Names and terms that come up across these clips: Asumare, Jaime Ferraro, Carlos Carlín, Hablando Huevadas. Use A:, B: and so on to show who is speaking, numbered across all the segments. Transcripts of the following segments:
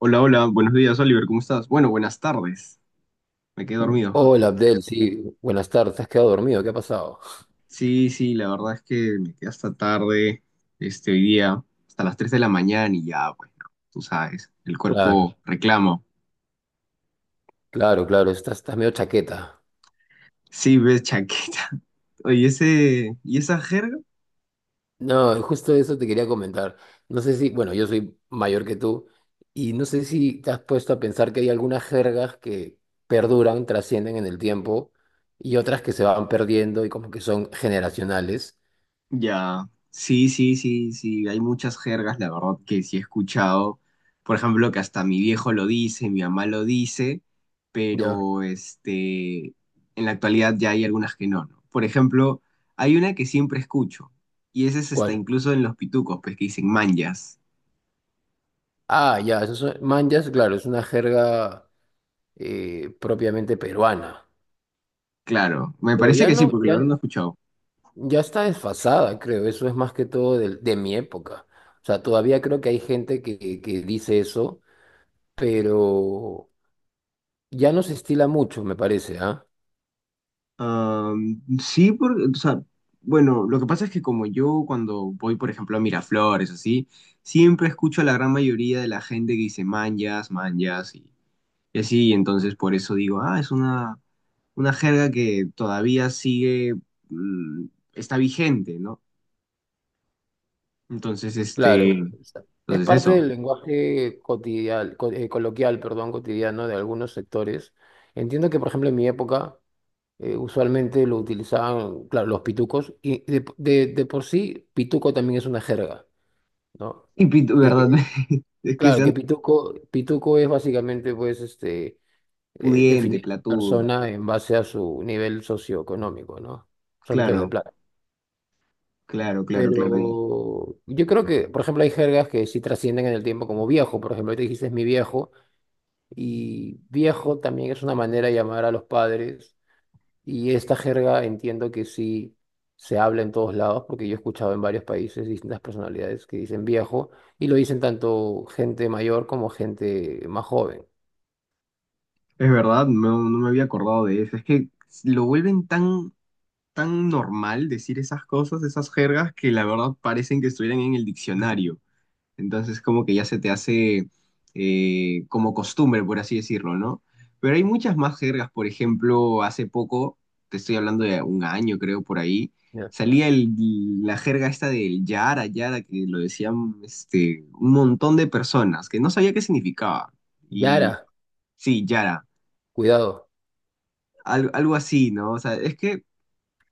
A: Hola, hola, buenos días, Oliver, ¿cómo estás? Bueno, buenas tardes, me quedé dormido.
B: Hola Abdel, sí, buenas tardes, ¿te has quedado dormido? ¿Qué ha pasado?
A: Sí, sí, la verdad es que me quedé hasta tarde, este, hoy día, hasta las 3 de la mañana y ya, bueno, tú sabes, el
B: Claro,
A: cuerpo reclama.
B: claro, claro, estás medio chaqueta.
A: Sí, ves, chaqueta. Oye, ese, ¿y esa jerga?
B: No, justo eso te quería comentar. No sé si, bueno, yo soy mayor que tú y no sé si te has puesto a pensar que hay algunas jergas que perduran, trascienden en el tiempo y otras que se van perdiendo y como que son generacionales.
A: Ya, sí, sí, sí, sí, hay muchas jergas, la verdad que sí he escuchado, por ejemplo, que hasta mi viejo lo dice, mi mamá lo dice,
B: ¿Ya?
A: pero este, en la actualidad ya hay algunas que no, ¿no? Por ejemplo, hay una que siempre escucho, y esa es hasta
B: ¿Cuál?
A: incluso en los pitucos, pues que dicen manjas,
B: Ah, ya, esos son manjas, claro, es una jerga propiamente peruana.
A: claro, me
B: Pero
A: parece
B: ya
A: que sí,
B: no,
A: porque lo
B: ya,
A: habrán escuchado.
B: Ya está desfasada, creo. Eso es más que todo de mi época. O sea, todavía creo que hay gente que dice eso, pero ya no se estila mucho, me parece, ¿ah?
A: Sí, porque, o sea, bueno, lo que pasa es que como yo cuando voy, por ejemplo, a Miraflores, así, siempre escucho a la gran mayoría de la gente que dice manjas, manjas, y así, entonces por eso digo, ah, es una jerga que todavía sigue, mm, está vigente, ¿no? Entonces, este,
B: Claro. O sea, es
A: entonces
B: parte
A: eso.
B: del lenguaje cotidial, coloquial, perdón, cotidiano de algunos sectores. Entiendo que, por ejemplo, en mi época, usualmente lo utilizaban, claro, los pitucos, y de por sí, pituco también es una jerga, ¿no?
A: Y pito, ¿verdad?
B: Que,
A: Es que
B: claro,
A: sean
B: que pituco es básicamente, pues,
A: pudiente,
B: definir a la
A: platudo,
B: persona en base a su nivel socioeconómico, ¿no? Son métodos de
A: claro,
B: plata.
A: claro, claro, claro.
B: Pero yo creo que, por ejemplo, hay jergas que sí trascienden en el tiempo, como viejo, por ejemplo, te dijiste es mi viejo, y viejo también es una manera de llamar a los padres, y esta jerga entiendo que sí se habla en todos lados, porque yo he escuchado en varios países distintas personalidades que dicen viejo, y lo dicen tanto gente mayor como gente más joven.
A: Es verdad, no, no me había acordado de eso. Es que lo vuelven tan, tan normal decir esas cosas, esas jergas, que la verdad parecen que estuvieran en el diccionario. Entonces como que ya se te hace como costumbre, por así decirlo, ¿no? Pero hay muchas más jergas. Por ejemplo, hace poco, te estoy hablando de un año creo por ahí,
B: Ya.
A: salía la jerga esta del Yara, Yara, que lo decían este, un montón de personas, que no sabía qué significaba. Y
B: Yara,
A: sí, Yara
B: cuidado,
A: algo así, ¿no? O sea, es que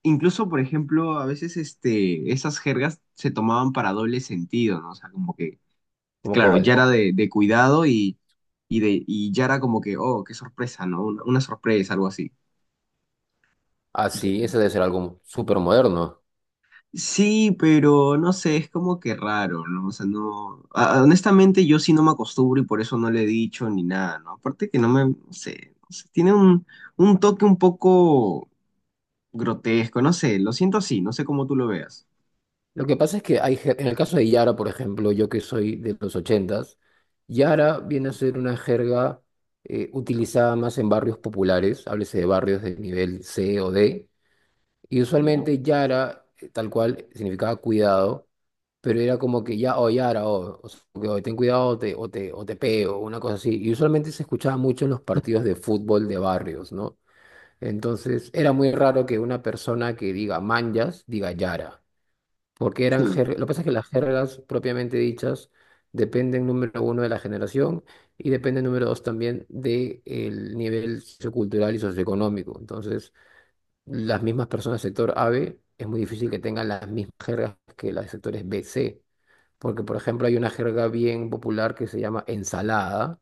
A: incluso, por ejemplo, a veces este, esas jergas se tomaban para doble sentido, ¿no? O sea, como que,
B: como
A: claro, ya
B: cual.
A: era de cuidado y, de, y ya era como que, oh, qué sorpresa, ¿no? Una sorpresa, algo así.
B: Ah, sí, ese debe ser algo súper moderno.
A: Sí, pero no sé, es como que raro, ¿no? O sea, no. Honestamente, yo sí no me acostumbro y por eso no le he dicho ni nada, ¿no? Aparte que no me. No sé, no sé, tiene un toque un poco grotesco, no sé, lo siento así, no sé cómo tú lo veas.
B: Lo que pasa es que en el caso de Yara, por ejemplo, yo que soy de los ochentas, Yara viene a ser una jerga utilizada más en barrios populares, háblese de barrios de nivel C o D, y
A: Ya.
B: usualmente Yara, tal cual, significaba cuidado, pero era como que ya, o Yara, o sea, que, "Oye, ten cuidado, o te pego", una cosa así, y usualmente se escuchaba mucho en los partidos de fútbol de barrios, ¿no? Entonces era muy raro que una persona que diga manjas diga yara, porque eran
A: Sí.
B: jergas. Lo que pasa es que las jergas propiamente dichas dependen, número uno, de la generación, y dependen, número dos, también del nivel sociocultural y socioeconómico. Entonces, las mismas personas del sector AB es muy difícil que tengan las mismas jergas que las del sectores B C, porque, por ejemplo, hay una jerga bien popular que se llama ensalada,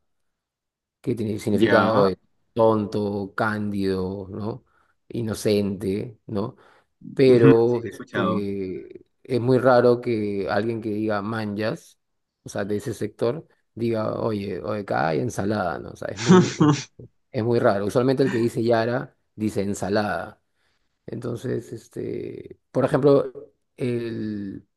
B: que tiene
A: Ya,
B: significado de tonto, cándido, ¿no? Inocente, ¿no?
A: sí, sí
B: Pero
A: he escuchado.
B: es muy raro que alguien que diga manjas, o sea, de ese sector, diga: oye, oye, acá hay ensalada, ¿no? O sea, es muy, es, es muy raro. Usualmente el que dice Yara dice ensalada. Entonces, por ejemplo, el,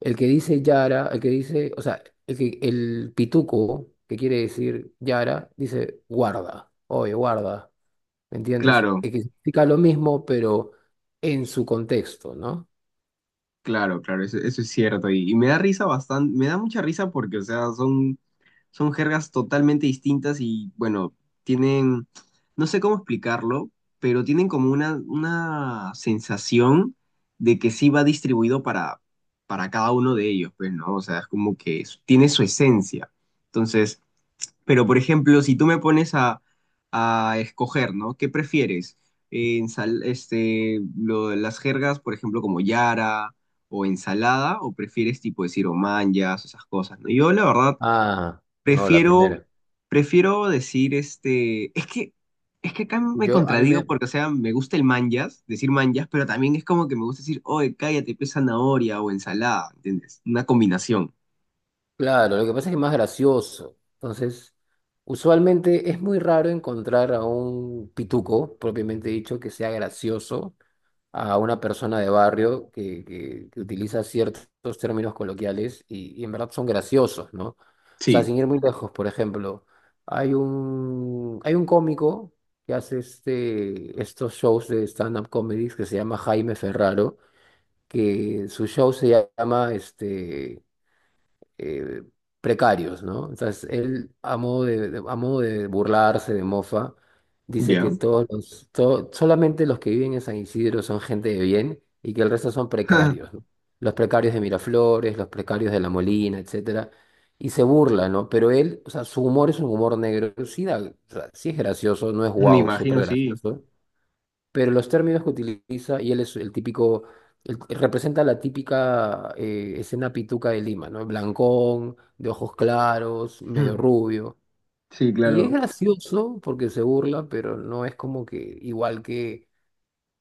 B: el que dice Yara, el que dice, o sea, el que, el pituco, que quiere decir Yara, dice guarda, oye, guarda, ¿me entiendes?
A: Claro,
B: Es que significa lo mismo, pero en su contexto, ¿no?
A: claro, claro, eso es cierto. Y me da risa bastante, me da mucha risa porque, o sea, son, son jergas totalmente distintas y, bueno, tienen, no sé cómo explicarlo, pero tienen como una sensación de que sí va distribuido para cada uno de ellos, pues, ¿no? O sea, es como que tiene su esencia. Entonces, pero, por ejemplo, si tú me pones a escoger, ¿no? ¿Qué prefieres? Las jergas, por ejemplo, como yara o ensalada, o prefieres tipo decir omanyas, esas cosas, ¿no? Yo, la verdad,
B: Ah, no, la
A: prefiero,
B: primera.
A: prefiero decir este. Es que acá me
B: A mí
A: contradigo
B: me,
A: porque, o sea, me gusta el manjas, decir manjas, pero también es como que me gusta decir, oye, cállate, pues zanahoria o ensalada, ¿entiendes? Una combinación.
B: claro, lo que pasa es que es más gracioso. Entonces, usualmente es muy raro encontrar a un pituco, propiamente dicho, que sea gracioso a una persona de barrio que utiliza ciertos términos coloquiales y, en verdad son graciosos, ¿no? O sea,
A: Sí,
B: sin ir muy lejos, por ejemplo, hay un cómico que hace estos shows de stand-up comedies, que se llama Jaime Ferraro, que su show se llama eh, precarios, ¿no? Entonces, él, a modo de burlarse, de mofa, dice
A: ya.
B: que solamente los que viven en San Isidro son gente de bien, y que el resto son precarios, ¿no? Los precarios de Miraflores, los precarios de La Molina, etcétera. Y se burla, ¿no? Pero él, o sea, su humor es un humor negro. Sí, o sea, sí es gracioso, no es
A: Me
B: guau, súper
A: imagino, sí.
B: gracioso, pero los términos que utiliza, y él es el típico, representa la típica escena pituca de Lima, ¿no? Blancón, de ojos claros, medio rubio.
A: Sí,
B: Y es
A: claro.
B: gracioso porque se burla, pero no es como que igual que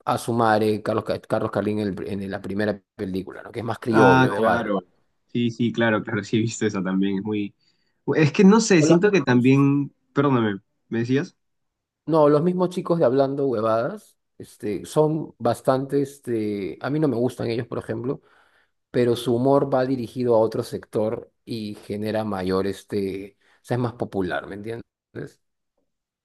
B: Asumare, Carlos Carlín en la primera película, ¿no? Que es más
A: Ah,
B: criollo,
A: no,
B: de barrio.
A: claro. Sí, sí, claro, claro, sí he visto eso también. Es muy... Es que no sé,
B: O los
A: siento que
B: mismos,
A: también... Perdóname, ¿me decías?
B: no, los mismos chicos de Hablando Huevadas, son bastante, a mí no me gustan ellos, por ejemplo, pero su humor va dirigido a otro sector y genera mayor, o sea, es más popular, ¿me entiendes?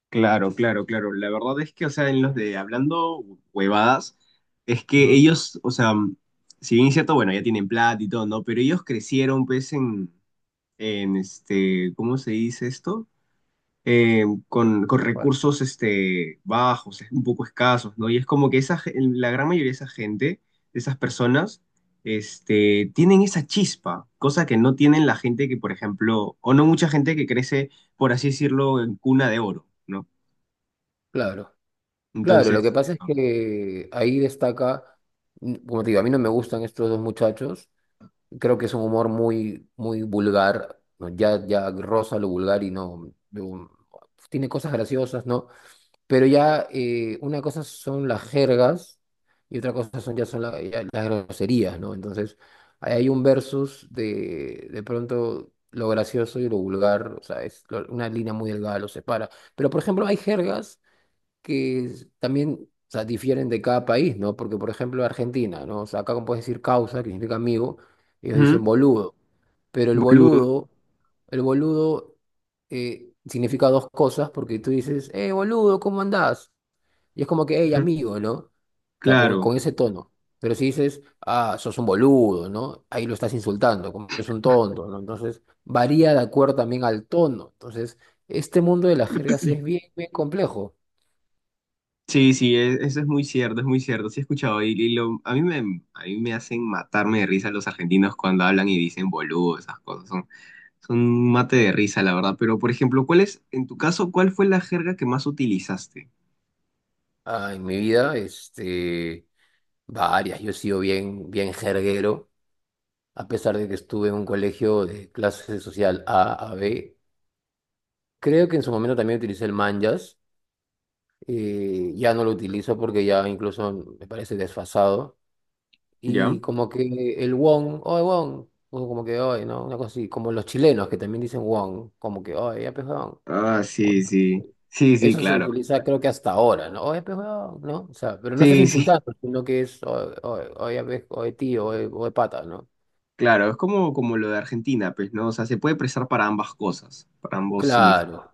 A: Claro, claro, claro. La verdad es que, o sea, en los de hablando huevadas, es que
B: Ujú.
A: ellos, o sea, mm, si bien es cierto, bueno, ya tienen plata y todo, ¿no? Pero ellos crecieron, pues, en este, ¿cómo se dice esto? Con
B: ¿Cuál?
A: recursos este, bajos, es un poco escasos, ¿no? Y es como que esa, la gran mayoría de esa gente, de esas personas, este, tienen esa chispa, cosa que no tienen la gente que, por ejemplo, o no mucha gente que crece, por así decirlo, en cuna de oro, ¿no?
B: Claro, claro, lo que
A: Entonces,
B: pasa es
A: eso.
B: que ahí destaca, como te digo, a mí no me gustan estos dos muchachos, creo que es un humor muy, muy vulgar, ¿no? Ya, ya roza lo vulgar y no, no, tiene cosas graciosas, ¿no? Pero ya, una cosa son las jergas y otra cosa son, ya son ya las groserías, ¿no? Entonces, ahí hay un versus de pronto, lo gracioso y lo vulgar, o sea, es una línea muy delgada los separa. Pero, por ejemplo, hay jergas que también, o sea, difieren de cada país, ¿no? Porque, por ejemplo, Argentina, ¿no? O sea, acá como puedes decir causa, que significa amigo, ellos dicen
A: Ujú.
B: boludo. Pero el
A: Boludo.
B: boludo, el boludo significa dos cosas, porque tú dices, boludo, ¿cómo andás? Y es como que, hey,
A: Ujú.
B: amigo, ¿no? O sea,
A: Claro.
B: con ese tono. Pero si dices, ah, sos un boludo, ¿no? Ahí lo estás insultando, como que es un tonto, ¿no? Entonces, varía de acuerdo también al tono. Entonces, este mundo de las jergas es bien, bien complejo.
A: Sí, sí, eso es muy cierto, es muy cierto. Sí he escuchado y lo, a mí me hacen matarme de risa los argentinos cuando hablan y dicen boludo, esas cosas. Son, son un mate de risa, la verdad. Pero, por ejemplo, ¿cuál es, en tu caso, cuál fue la jerga que más utilizaste?
B: Ah, en mi vida, varias. Yo he sido bien, bien jerguero, a pesar de que estuve en un colegio de clase social A a B. Creo que en su momento también utilicé el Manjas. Ya no lo utilizo porque ya incluso me parece desfasado.
A: ¿Ya?
B: Y como que el won, oye, Wong, o como que oye, ¿no? Una cosa así, como los chilenos que también dicen won, como que oye, ya pues, Wong.
A: Ah, sí, sí. Sí, sí,
B: Eso se
A: claro.
B: utiliza creo que hasta ahora, ¿no? Oye, pues, weón, ¿no? O sea, pero no estás
A: Sí, sí,
B: insultando, sino que es oye, oye, oye, oye, tío, oye, oye, pata, ¿no?
A: claro. Es como, como lo de Argentina, pues, ¿no? O sea, se puede prestar para ambas cosas, para ambos significados.
B: Claro,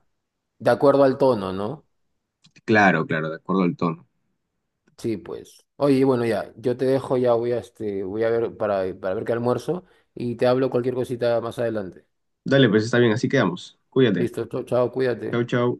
B: de acuerdo al tono, ¿no?
A: Claro, claro, de acuerdo al tono.
B: Sí, pues. Oye, bueno, ya, yo te dejo, ya voy a ver para ver qué almuerzo y te hablo cualquier cosita más adelante.
A: Dale, pues está bien, así quedamos. Cuídate.
B: Listo, chao, chao,
A: Chau,
B: cuídate.
A: chau.